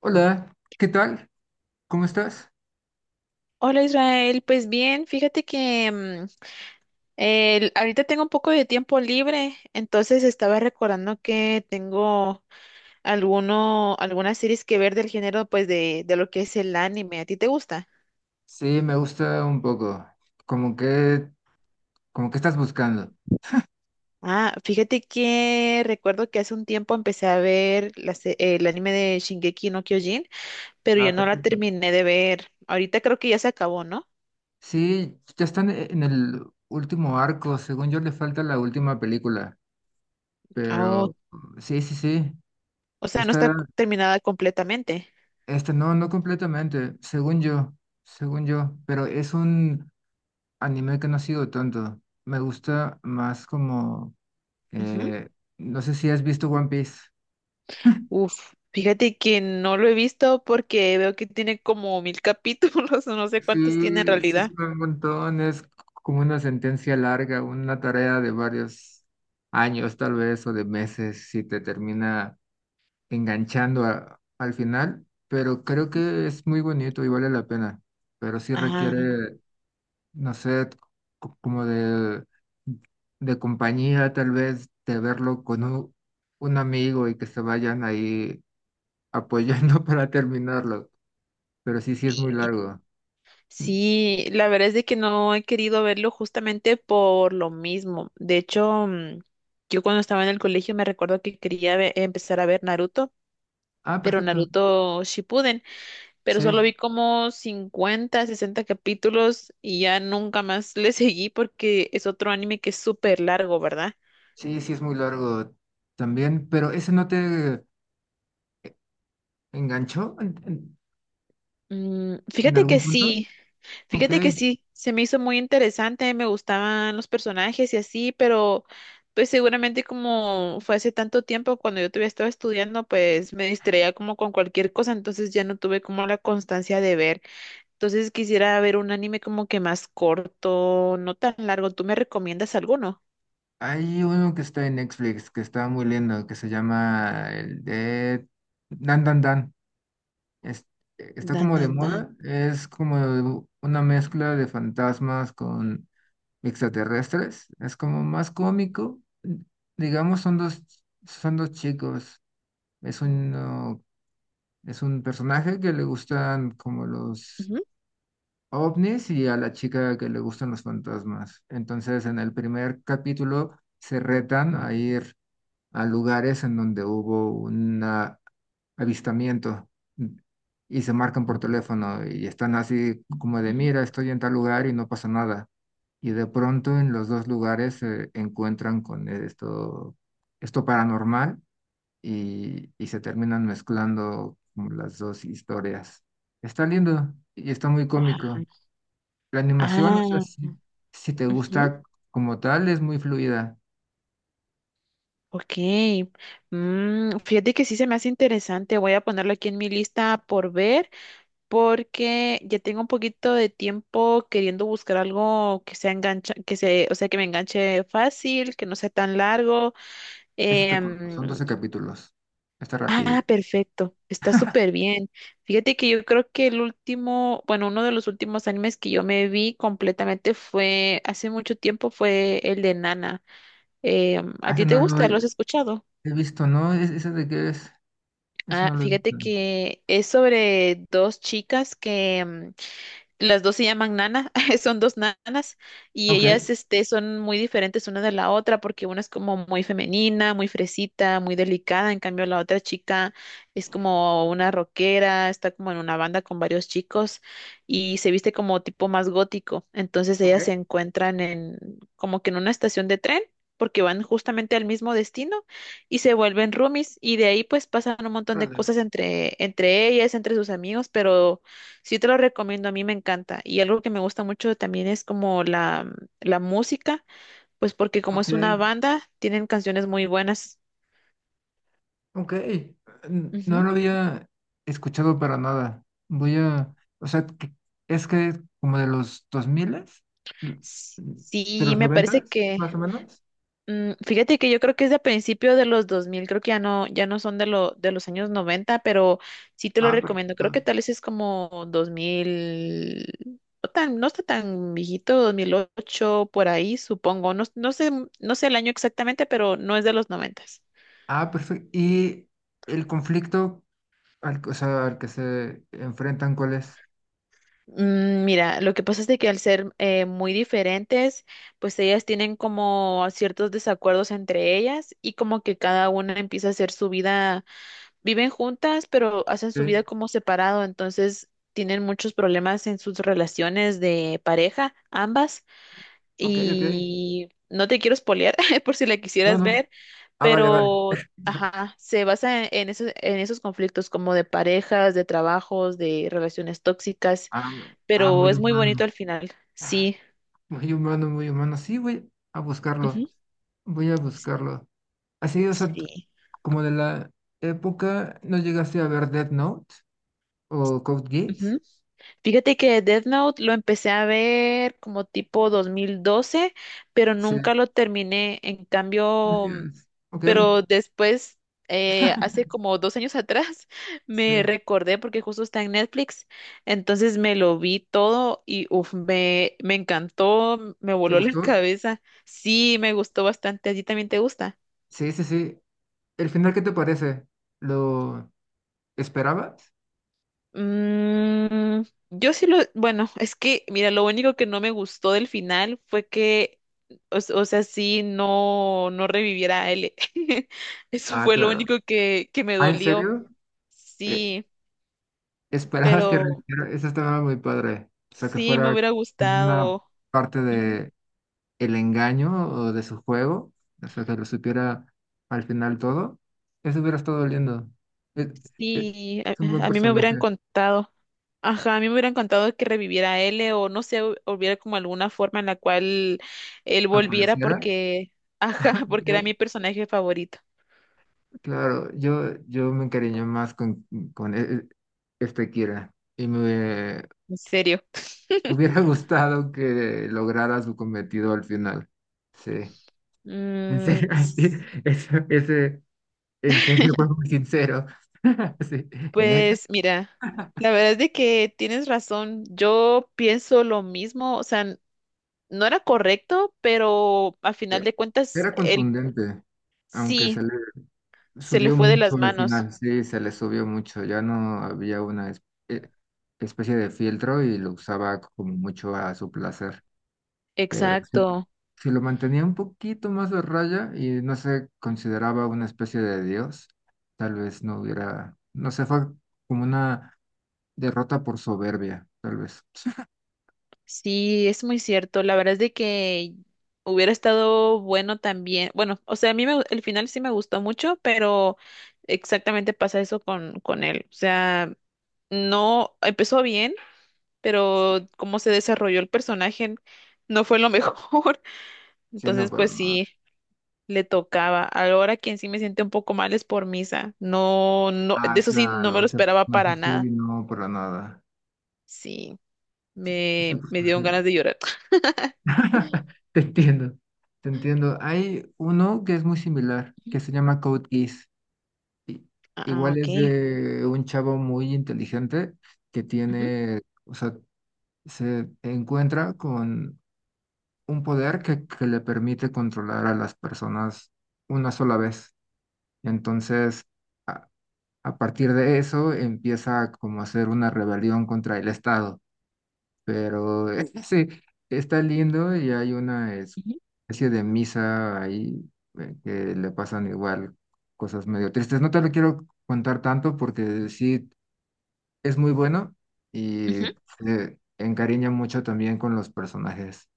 Hola, ¿qué tal? ¿Cómo estás? Hola Israel, pues bien, fíjate que ahorita tengo un poco de tiempo libre, entonces estaba recordando que tengo algunas series que ver del género pues de lo que es el anime. ¿A ti te gusta? Sí, me gusta un poco. Como que, como que estás buscando. Ah, fíjate que recuerdo que hace un tiempo empecé a ver el anime de Shingeki no Kyojin, pero yo Ah, no la perfecto. terminé de ver. Ahorita creo que ya se acabó, ¿no? Sí, ya están en el último arco. Según yo, le falta la última película. Ah, o Pero sí, sí, sí. o sea, no Está, está terminada completamente. está, no, no completamente. Según yo, según yo. Pero es un anime que no ha sido tanto. Me gusta más como, eh, no sé si has visto One Piece. Uf, fíjate que no lo he visto porque veo que tiene como 1000 capítulos, o no sé cuántos tiene en Sí, sí, realidad. son un montón. Es como una sentencia larga, una tarea de varios años, tal vez, o de meses, si te termina enganchando al final. Pero creo que es muy bonito y vale la pena. Pero sí Ah, requiere, no sé, como de compañía, tal vez, de verlo con un amigo y que se vayan ahí apoyando para terminarlo. Pero sí, sí es muy sí. largo. Mm. Sí, la verdad es de que no he querido verlo justamente por lo mismo. De hecho, yo cuando estaba en el colegio me recuerdo que quería empezar a ver Naruto, Ah, pero perfecto. Naruto Shippuden, pero solo Sí. vi como 50 60 capítulos y ya nunca más le seguí porque es otro anime que es súper largo, ¿verdad? Sí, sí es muy largo también, pero ¿ese no te enganchó Mm, en fíjate que algún punto? sí, Ok. Fíjate que sí, se me hizo muy interesante, me gustaban los personajes y así, pero pues seguramente como fue hace tanto tiempo cuando yo todavía estaba estudiando, pues me distraía como con cualquier cosa, entonces ya no tuve como la constancia de ver. Entonces quisiera ver un anime como que más corto, no tan largo. ¿Tú me recomiendas alguno? Hay uno que está en Netflix, que está muy lindo, que se llama el de Dan Dan Dan. Es- Está Dan, como de dan, dan. moda, es como una mezcla de fantasmas con extraterrestres. Es como más cómico. Digamos, son dos chicos. Es uno, es un personaje que le gustan como los Ujú, ovnis y a la chica que le gustan los fantasmas. Entonces, en el primer capítulo se retan a ir a lugares en donde hubo un avistamiento mm, y se marcan por teléfono y están así como de, ujú. mira, estoy en tal lugar y no pasa nada. Y de pronto en los dos lugares se encuentran con esto paranormal y se terminan mezclando como las dos historias. Está lindo y está muy Ajá. cómico. La animación, o sea, Ah, si te ujú. gusta como tal, es muy fluida. Ok. Fíjate que sí se me hace interesante. Voy a ponerlo aquí en mi lista por ver. Porque ya tengo un poquito de tiempo queriendo buscar algo que sea engancha, o sea, que me enganche fácil, que no sea tan largo. Esa está corta, son Em, 12 capítulos. Está rápido. ah, perfecto, está súper bien. Fíjate que yo creo que el último, bueno, uno de los últimos animes que yo me vi completamente fue, hace mucho tiempo fue el de Nana. ¿A Ah, ese ti te no lo gusta? he, ¿Lo has escuchado? he visto, ¿no? ¿Ese de qué es? Ese Ah, no lo he fíjate visto. que es sobre dos chicas que las dos se llaman Nana, son dos nanas y Ok. ellas son muy diferentes una de la otra porque una es como muy femenina, muy fresita, muy delicada, en cambio la otra chica es como una rockera, está como en una banda con varios chicos y se viste como tipo más gótico. Entonces ellas se Ok. encuentran en como que en una estación de tren porque van justamente al mismo destino y se vuelven roomies y de ahí pues pasan un montón de Órale. cosas entre ellas, entre sus amigos, pero sí te lo recomiendo, a mí me encanta. Y algo que me gusta mucho también es como la música, pues porque como Ok. es una banda, tienen canciones muy buenas. Ok. No Ujú. lo había escuchado para nada. Voy a... O sea, es que como de los 2000, S- de Sí, los me parece 90 que, más o menos. Fíjate que yo creo que es de principio de los 2000 creo que ya no son de los años 90, pero sí te lo Ah, recomiendo. Creo que perfecto. tal vez es como 2000, no está tan viejito, 2008 por ahí, supongo. No, no sé el año exactamente, pero no es de los 90. Ah, perfecto. Y el conflicto... o sea, al que se enfrentan, ¿cuál es? Mira, lo que pasa es de que al ser muy diferentes, pues ellas tienen como ciertos desacuerdos entre ellas y como que cada una empieza a hacer su vida, viven juntas, pero hacen su vida Sí, como separado, entonces tienen muchos problemas en sus relaciones de pareja, ambas, Ok, ok. y no te quiero spoilear por si la No, quisieras no. ver, Ah, vale, vale. pero ajá, se basa en esos conflictos como de parejas, de trabajos, de relaciones tóxicas, Ah, m- ah, pero muy es muy bonito humano. al final. Sí. Muy humano, muy humano. Sí, voy a Ujú. buscarlo. Voy a buscarlo. Así, o sea, Sí. como de la época, ¿no llegaste a ver Death Note o Code Geass? Ujú. Fíjate que Death Note lo empecé a ver como tipo 2012, pero Sí. nunca lo terminé. En No cambio, llegas. Ok, pero después, hace como 2 años atrás, sí. me recordé porque justo está en Netflix. Entonces me lo vi todo y uf, me encantó, me ¿Te voló la gustó? cabeza. Sí, me gustó bastante. ¿A ti también te gusta? Sí, sí, sí. ¿El final qué te parece? ¿Lo esperabas? Mm, yo sí bueno, es que, mira, lo único que no me gustó del final fue que, o sea, sí, no, no reviviera a L. Eso Ah, fue lo claro. único que me ¿Ah, en dolió. serio? E- Sí, Esperabas que pero reviviera, eso estaba muy padre. O sea, que sí, me fuera hubiera como una gustado. parte Ujú. de el engaño o de su juego, o sea, que lo supiera al final todo. Eso hubiera estado lindo. Es, es- Sí, es un buen a mí me personaje. hubieran contado. Ajá, a mí me hubieran contado que reviviera a L o no sé, hubiera como alguna forma en la cual él volviera Apareciera. porque, ajá, porque era eh, mi personaje favorito. claro, yo me encariñé más con este Kira y me En serio. hubiera gustado que lograra su cometido al final. Sí. En Mm, serio, así, s- ese. En serio, fue muy sincero. Sí, neta, pues mira, la verdad es de que tienes razón. Yo pienso lo mismo, o sea, no era correcto, pero a final eh, de cuentas, era él contundente, aunque se sí le se le subió fue de mucho las al manos. final. Sí, se le subió mucho. Ya no había una eh, especie de filtro y lo usaba como mucho a su placer. Pero sí, Exacto. si lo mantenía un poquito más de raya y no se consideraba una especie de dios, tal vez no hubiera, no sé, fue como una derrota por soberbia, tal vez. Sí, es muy cierto. La verdad es de que hubiera estado bueno también. Bueno, o sea, a mí el final sí me gustó mucho, pero exactamente pasa eso con él. O sea, no empezó bien, pero cómo se desarrolló el personaje no fue lo mejor. Sí, no, Entonces, pero pues nada. sí, le tocaba. Ahora quien sí me siente un poco mal es por Misa. No, no, de Ah, eso sí, no me claro, lo ese esperaba personaje para sí, nada. no, para nada. Sí, Ese me dieron personaje. ganas de llorar. Te entiendo, te entiendo. Hay uno que es muy similar, que se llama Code Geass. Ah, Igual ok. es de un chavo muy inteligente que Ujú, tiene, o sea, se encuentra con un poder que le permite controlar a las personas una sola vez. Entonces, a, a partir de eso empieza como a hacer una rebelión contra el Estado. Pero sí está lindo y hay una ujú, especie de misa ahí que le pasan igual cosas medio tristes. No te lo quiero contar tanto porque sí es muy bueno y ujú. se encariña mucho también con los personajes.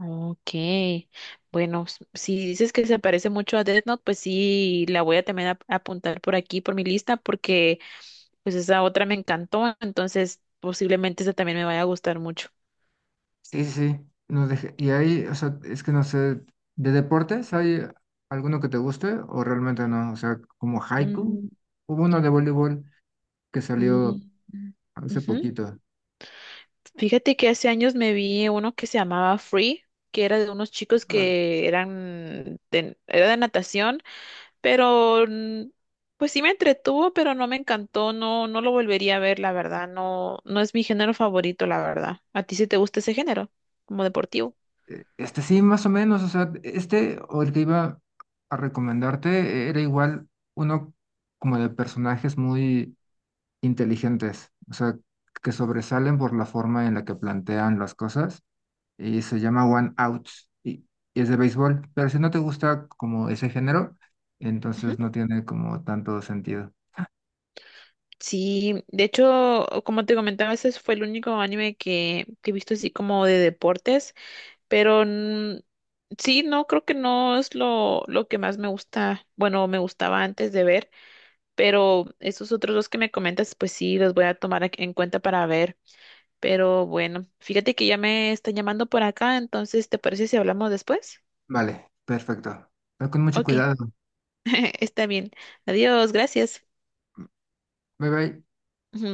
Ok, bueno, si dices que se parece mucho a Death Note, pues sí, la voy a también apuntar por aquí, por mi lista, porque pues esa otra me encantó, entonces posiblemente esa también me vaya a gustar mucho. Sí, sí, no y ahí, o sea, es que no sé, ¿de deportes hay alguno que te guste o realmente no? O sea, como haiku, Mm, hubo uno de voleibol que mm, salió mm, hace ujú. poquito. Fíjate que hace años me vi uno que se llamaba Free, que era de unos chicos que eran era de natación. Pero pues sí me entretuvo, pero no me encantó, no, no lo volvería a ver, la verdad, no, no es mi género favorito, la verdad. ¿A ti sí te gusta ese género, como deportivo? Este sí, más o menos, o sea, este o el que iba a recomendarte era igual uno como de personajes muy inteligentes, o sea, que sobresalen por la forma en la que plantean las cosas y se llama One Out y, y es de béisbol, pero si no te gusta como ese género, Ujú. entonces no tiene como tanto sentido. Sí, de hecho, como te comentaba, ese fue el único anime que he visto así como de deportes. Pero sí, no, creo que no es lo que más me gusta, bueno, me gustaba antes de ver, pero esos otros dos que me comentas, pues sí, los voy a tomar en cuenta para ver. Pero bueno, fíjate que ya me están llamando por acá, entonces, ¿te parece si hablamos después? Vale, perfecto. Ve con mucho Ok, cuidado. está bien. Adiós, gracias. Bye bye. Ujú.